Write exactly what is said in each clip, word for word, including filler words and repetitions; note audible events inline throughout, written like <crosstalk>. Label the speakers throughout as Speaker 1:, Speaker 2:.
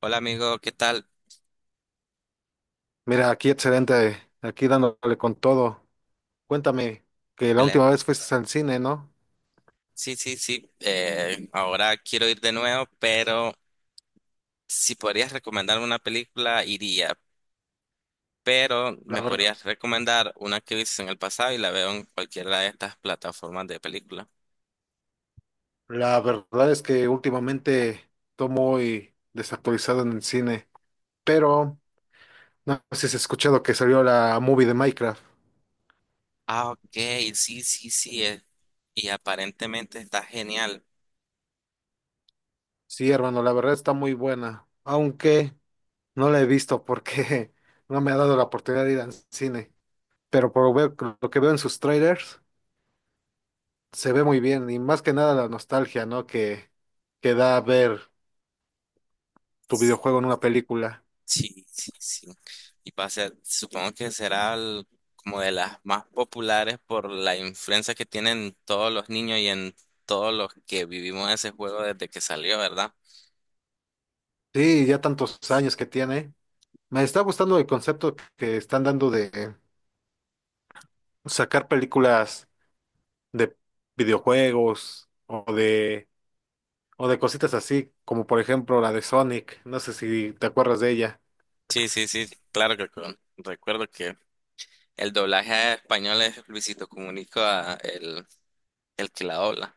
Speaker 1: Hola amigo, ¿qué tal?
Speaker 2: Mira, aquí excelente, aquí dándole con todo. Cuéntame, que la
Speaker 1: Ele-
Speaker 2: última vez fuiste al cine, ¿no?
Speaker 1: Sí, sí, sí. Eh, ahora quiero ir de nuevo, pero si podrías recomendarme una película, iría. Pero
Speaker 2: La,
Speaker 1: me
Speaker 2: ver-
Speaker 1: podrías recomendar una que viste en el pasado y la veo en cualquiera de estas plataformas de película.
Speaker 2: la verdad es que últimamente estoy muy desactualizado en el cine, pero no sé si has escuchado que salió la movie de Minecraft.
Speaker 1: Ah, ok, sí, sí, sí. eh, Y aparentemente está genial.
Speaker 2: Sí, hermano, la verdad está muy buena, aunque no la he visto porque <laughs> no me ha dado la oportunidad de ir al cine. Pero por ver- lo que veo en sus trailers, se ve muy bien y más que nada la nostalgia, ¿no? Que, que da a ver tu videojuego en una película.
Speaker 1: Sí, sí, sí. Y va a ser, supongo que será el- como de las más populares por la influencia que tienen todos los niños y en todos los que vivimos ese juego desde que salió, ¿verdad?
Speaker 2: Sí, ya tantos años que tiene. Me está gustando el concepto que están dando de sacar películas de videojuegos o de o de cositas así, como por ejemplo la de Sonic. No sé si te acuerdas de ella.
Speaker 1: Sí, sí, sí, claro que con- recuerdo que el doblaje a español es Luisito Comunica, el, el que la dobla.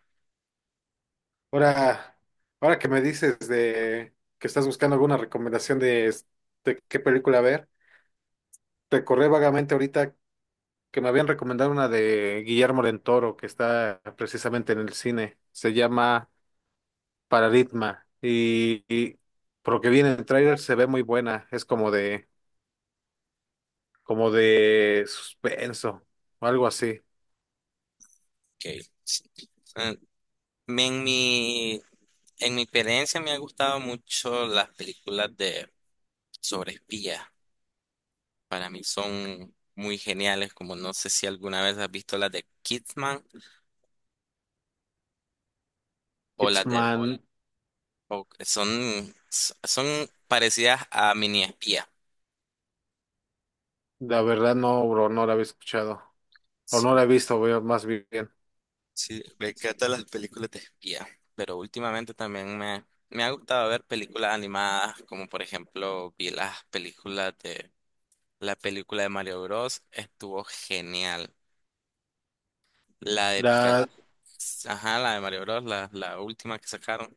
Speaker 2: Ahora, ahora que me dices de que estás buscando alguna recomendación de, es- de qué película ver, recordé vagamente ahorita que me habían recomendado una de Guillermo del Toro que está precisamente en el cine. Se llama para Ritma. Y, y por lo que viene en el tráiler se ve muy buena. Es como de, como de suspenso o algo así. Órale.
Speaker 1: Ok, sí. Eh, En mi, en mi experiencia me han gustado mucho las películas de sobre espías. Para mí son muy geniales, como no sé si alguna vez has visto las de Kidman o las de.
Speaker 2: Hitman,
Speaker 1: O- son, son parecidas a Mini Espía.
Speaker 2: la verdad no, bro, no la había escuchado. O no
Speaker 1: Sí,
Speaker 2: la he visto, veo más bien.
Speaker 1: sí, me encantan las películas de espía. Pero últimamente también me, me ha gustado ver películas animadas, como por ejemplo vi las películas de la película de Mario Bros. Estuvo genial. La de Pikachu,
Speaker 2: La
Speaker 1: ajá, la de Mario Bros, la, la última que sacaron.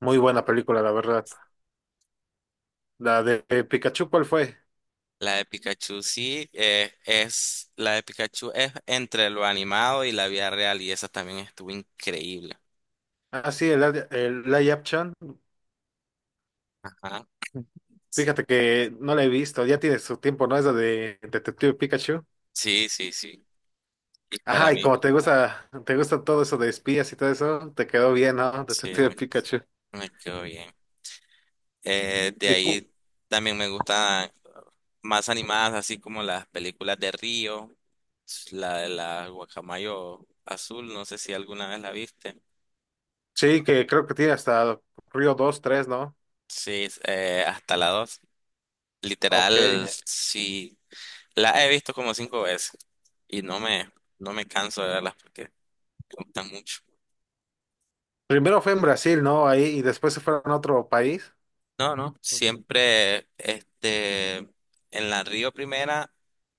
Speaker 2: muy buena película, la verdad. La de Pikachu, ¿cuál fue?
Speaker 1: La de Pikachu sí, eh, es, la de Pikachu es entre lo animado y la vida real y esa también estuvo increíble.
Speaker 2: Ah, sí, el, el Live Action.
Speaker 1: Ajá.
Speaker 2: Fíjate que no la he visto, ya tiene su tiempo, ¿no? Es la de Detective Pikachu.
Speaker 1: Sí, sí, sí. Para
Speaker 2: Ajá, y
Speaker 1: mí,
Speaker 2: como te gusta, te gusta todo eso de espías y todo eso, te quedó bien, ¿no?
Speaker 1: sí,
Speaker 2: Detective
Speaker 1: me,
Speaker 2: Pikachu.
Speaker 1: me quedó bien. Eh, de
Speaker 2: Y cu-
Speaker 1: ahí también me gustan más animadas, así como las películas de Río, la de la Guacamayo Azul, no sé si alguna vez la viste.
Speaker 2: sí, que creo que tiene hasta Río dos tres, ¿no?
Speaker 1: Sí, es, eh, hasta la dos.
Speaker 2: Ok.
Speaker 1: Literal, sí. Las he visto como cinco veces y no me, no me canso de verlas porque me gustan mucho.
Speaker 2: Primero fue en Brasil, ¿no? Ahí, y después se fueron a otro país.
Speaker 1: No, no, siempre este, en la Río Primera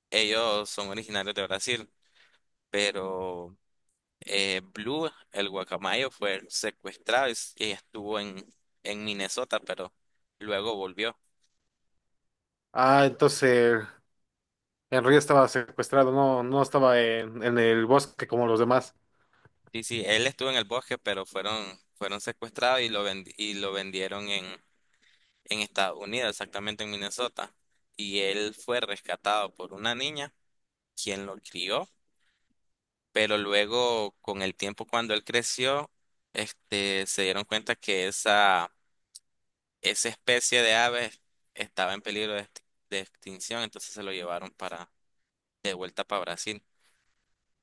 Speaker 1: ellos son originarios de Brasil, pero eh, Blue, el guacamayo, fue secuestrado y, s- y estuvo en, en Minnesota, pero luego volvió.
Speaker 2: Ah, entonces el Río estaba secuestrado, no, no estaba en, en el bosque como los demás.
Speaker 1: Sí, sí, él estuvo en el bosque, pero fueron, fueron secuestrados y lo, vendi- y lo vendieron en Estados Unidos, exactamente en Minnesota. Y él fue rescatado por una niña, quien lo crió, pero luego con el tiempo cuando él creció, este, se dieron cuenta que esa, esa especie de ave estaba en peligro de, exti- de extinción, entonces se lo llevaron para, de vuelta para Brasil.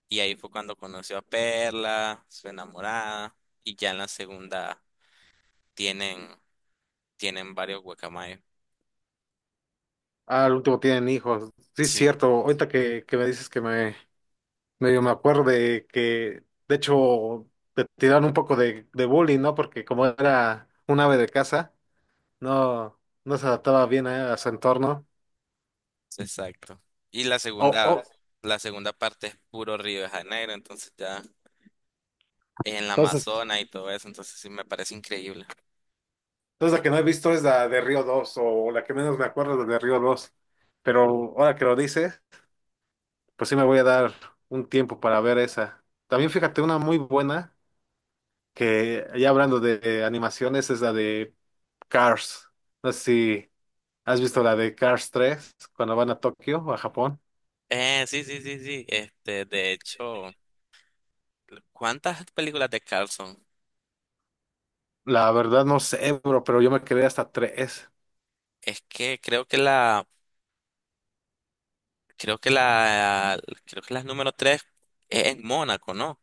Speaker 1: Y ahí fue cuando conoció a Perla, su enamorada, y ya en la segunda tienen, tienen varios guacamayos.
Speaker 2: Ah, al último tienen hijos. Sí, es
Speaker 1: Sí,
Speaker 2: cierto. Ahorita que, que me dices que me medio me acuerdo de que, de hecho, te tiraron un poco de, de bullying, ¿no? Porque como era un ave de casa, no, no se adaptaba bien a, a su entorno.
Speaker 1: exacto. Y la
Speaker 2: Oh,
Speaker 1: segunda,
Speaker 2: oh.
Speaker 1: la segunda parte es puro Río de Janeiro, entonces ya es en la
Speaker 2: Entonces,
Speaker 1: Amazonas y todo eso, entonces sí me parece increíble.
Speaker 2: Entonces la que no he visto es la de Río dos o la que menos me acuerdo es la de Río dos. Pero ahora que lo dices, pues sí me voy a dar un tiempo para ver esa. También fíjate una muy buena que ya hablando de, de animaciones es la de Cars. No sé si has visto la de Cars tres cuando van a Tokio o a Japón.
Speaker 1: Eh, sí, sí, sí, sí. Este, de hecho, ¿cuántas películas de Carlson?
Speaker 2: La verdad no sé, bro, pero yo me quedé hasta tres.
Speaker 1: Es que creo que la, creo que la, creo que la número tres es en Mónaco, ¿no?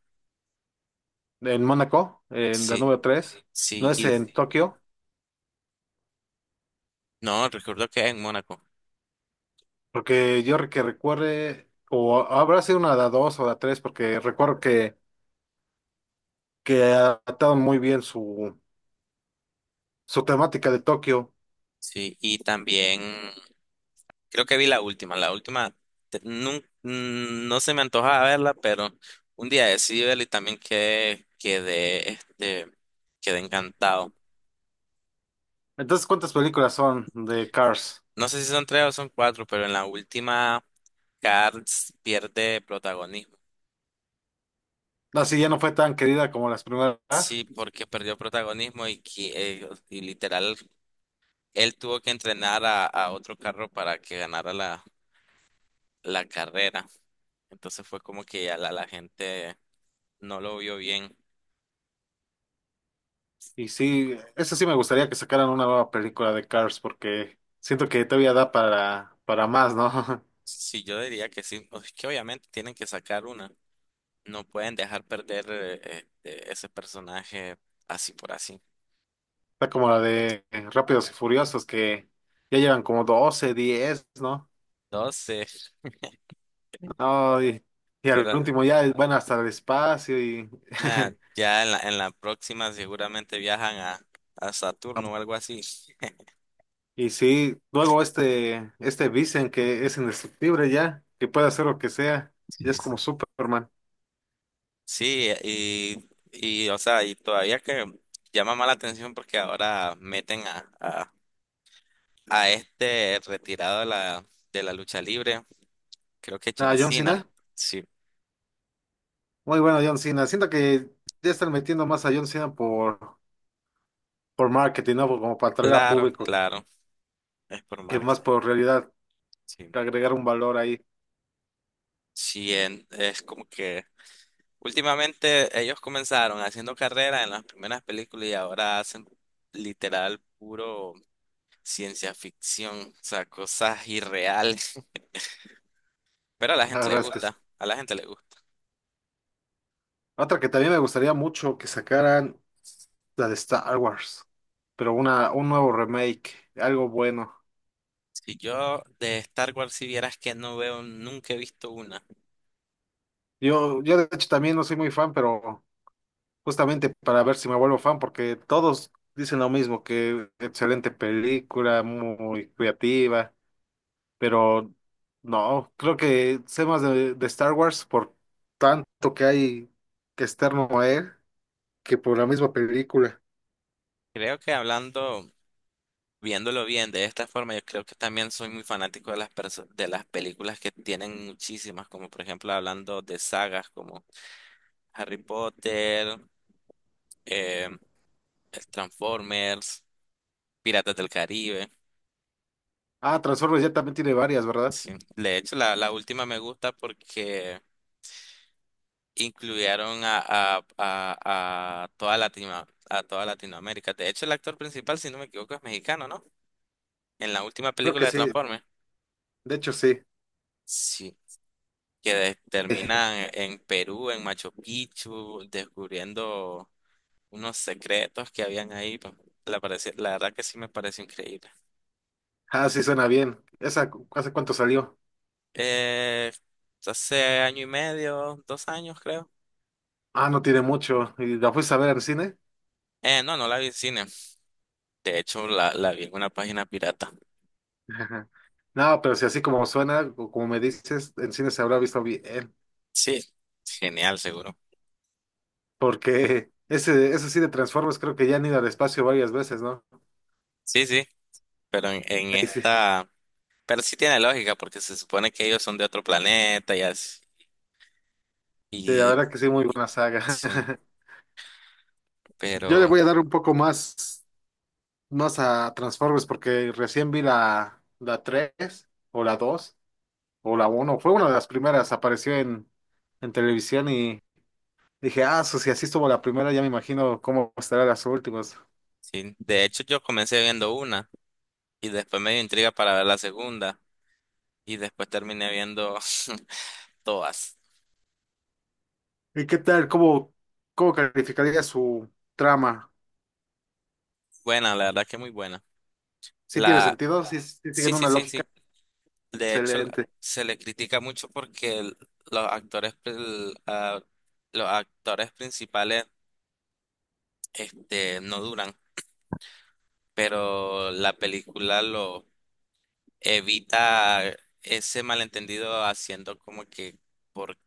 Speaker 2: En Mónaco, en la
Speaker 1: Sí,
Speaker 2: número tres. No
Speaker 1: sí,
Speaker 2: es
Speaker 1: y
Speaker 2: en Tokio.
Speaker 1: no, recuerdo que es en Mónaco.
Speaker 2: Porque yo que recuerde, o habrá sido una de dos o de tres, porque recuerdo que, que adaptaron muy bien su, su temática de Tokio.
Speaker 1: Sí, y también creo que vi la última. La última te- nun- mm, no, se me antojaba verla, pero un día decidí verla y también quedé, quedé, este, quedé encantado.
Speaker 2: Entonces, ¿cuántas películas son de Cars?
Speaker 1: No sé si son tres o son cuatro, pero en la última Cars pierde protagonismo.
Speaker 2: Así ya no fue tan querida como las primeras.
Speaker 1: Sí, porque perdió protagonismo y, qui- eh, y literal él tuvo que entrenar a, a otro carro para que ganara la, la carrera. Entonces fue como que ya la, la gente no lo vio bien.
Speaker 2: Y sí, eso sí me gustaría que sacaran una nueva película de Cars, porque siento que todavía da para, para más, ¿no? <laughs>
Speaker 1: Sí, yo diría que sí. O es que obviamente tienen que sacar una. No pueden dejar perder eh, eh, eh, ese personaje así por así.
Speaker 2: Está como la de Rápidos y Furiosos, que ya llevan como doce diez, ¿no?
Speaker 1: Entonces,
Speaker 2: No, y, y al
Speaker 1: pero
Speaker 2: último ya van hasta el espacio y,
Speaker 1: nada,
Speaker 2: <laughs>
Speaker 1: ya en la, en la próxima seguramente viajan a, a Saturno o algo así.
Speaker 2: y sí, luego este, este Vincent que es indestructible ya, que puede hacer lo que sea, ya es
Speaker 1: Sí,
Speaker 2: como
Speaker 1: sí.
Speaker 2: Superman.
Speaker 1: Sí, y, y o sea, y todavía que llama más la atención porque ahora meten a, a, a este retirado de la, de la lucha libre, creo que
Speaker 2: A
Speaker 1: John
Speaker 2: John
Speaker 1: Cena.
Speaker 2: Cena,
Speaker 1: Sí,
Speaker 2: muy bueno John Cena, siento que ya están metiendo más a John Cena por, por marketing, ¿no? Como para atraer a
Speaker 1: claro,
Speaker 2: público,
Speaker 1: claro, es por
Speaker 2: que
Speaker 1: marketing.
Speaker 2: más por realidad
Speaker 1: Sí.
Speaker 2: que agregar un valor ahí.
Speaker 1: Sí, en- es como que últimamente ellos comenzaron haciendo carrera en las primeras películas y ahora hacen literal puro ciencia ficción, o sea, cosas irreales. <laughs> Pero a la
Speaker 2: La
Speaker 1: gente le
Speaker 2: verdad es que sí.
Speaker 1: gusta, a la gente le gusta.
Speaker 2: Otra que también me gustaría mucho que sacaran la de Star Wars, pero una, un nuevo remake, algo bueno.
Speaker 1: Si yo de Star Wars, si vieras, que no veo, nunca he visto una.
Speaker 2: Yo, yo de hecho también no soy muy fan, pero justamente para ver si me vuelvo fan, porque todos dicen lo mismo, que excelente película, muy creativa, pero no, creo que sé más de, de Star Wars por tanto que hay que externo a él que por la misma película.
Speaker 1: Creo que hablando, viéndolo bien de esta forma, yo creo que también soy muy fanático de las perso- de las películas que tienen muchísimas, como por ejemplo hablando de sagas como Harry Potter. eh, el Transformers, Piratas del Caribe.
Speaker 2: Ah, Transformers ya también tiene varias, ¿verdad?
Speaker 1: Sí. De hecho, la, la última me gusta porque incluyeron a, a, a, a toda Latino, a toda Latinoamérica. De hecho, el actor principal, si no me equivoco, es mexicano, ¿no? En la última
Speaker 2: Creo
Speaker 1: película
Speaker 2: que
Speaker 1: de
Speaker 2: sí,
Speaker 1: Transformers.
Speaker 2: de hecho sí.
Speaker 1: Sí. Que de-
Speaker 2: <laughs>
Speaker 1: terminan en Perú, en Machu Picchu, descubriendo unos secretos que habían ahí. Pues, La, parece- la verdad que sí me parece increíble.
Speaker 2: Ah, sí, suena bien. ¿Esa cu- hace cuánto salió?
Speaker 1: Eh, Hace año y medio, dos años creo.
Speaker 2: Ah, no tiene mucho. ¿Y la fuiste a ver al cine?
Speaker 1: Eh, no, no la vi en cine. De hecho, la, la vi en una página pirata.
Speaker 2: <laughs> Ajá. No, pero si así como suena, o como me dices, en cine se habrá visto bien,
Speaker 1: Sí, genial, seguro.
Speaker 2: porque ese, ese sí de Transformers creo que ya han ido al espacio varias veces, ¿no?
Speaker 1: Sí, sí, pero en, en
Speaker 2: Y sí, sí,
Speaker 1: esta. Pero sí tiene lógica, porque se supone que ellos son de otro planeta y así.
Speaker 2: la
Speaker 1: Y,
Speaker 2: verdad que sí, muy
Speaker 1: y-
Speaker 2: buena saga.
Speaker 1: sí,
Speaker 2: <laughs> Yo le
Speaker 1: pero
Speaker 2: voy a dar un poco más, más a Transformers porque recién vi la, la, tres o la dos o la uno, fue una de las primeras, apareció en, en televisión y dije, ah, so, si así estuvo la primera, ya me imagino cómo estará las últimas.
Speaker 1: sí. De hecho, yo comencé viendo una y después me dio intriga para ver la segunda y después terminé viendo <laughs> todas.
Speaker 2: ¿Y qué tal? ¿Cómo, cómo calificaría su trama?
Speaker 1: Buena, la verdad que muy buena.
Speaker 2: ¿Sí tiene
Speaker 1: La...
Speaker 2: sentido? ¿Sí, sí
Speaker 1: Sí,
Speaker 2: siguen
Speaker 1: sí,
Speaker 2: una
Speaker 1: sí,
Speaker 2: lógica?
Speaker 1: sí. De hecho, la-
Speaker 2: Excelente.
Speaker 1: se le critica mucho porque el- los actores, pri- ah, los actores principales, este, no duran, pero la película lo evita ese malentendido haciendo como que por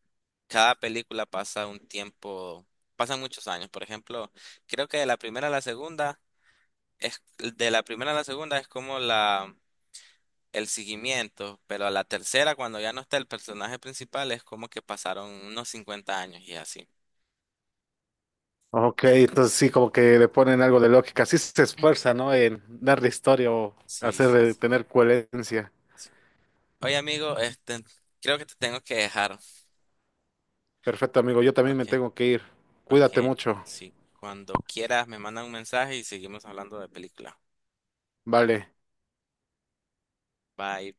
Speaker 1: cada película pasa un tiempo, pasan muchos años. Por ejemplo, creo que de la primera a la segunda es de la primera a la segunda es como la el seguimiento, pero a la tercera, cuando ya no está el personaje principal, es como que pasaron unos cincuenta años y así.
Speaker 2: Ok, entonces sí, como que le ponen algo de lógica. Sí se esfuerza, ¿no? En darle historia o
Speaker 1: Sí, sí,
Speaker 2: hacer
Speaker 1: sí.
Speaker 2: tener coherencia.
Speaker 1: Oye, amigo, este, creo que te tengo que dejar.
Speaker 2: Perfecto, amigo. Yo también me
Speaker 1: Ok,
Speaker 2: tengo que ir. Cuídate
Speaker 1: ok,
Speaker 2: mucho.
Speaker 1: sí. Cuando quieras, me manda un mensaje y seguimos hablando de película.
Speaker 2: Vale.
Speaker 1: Bye.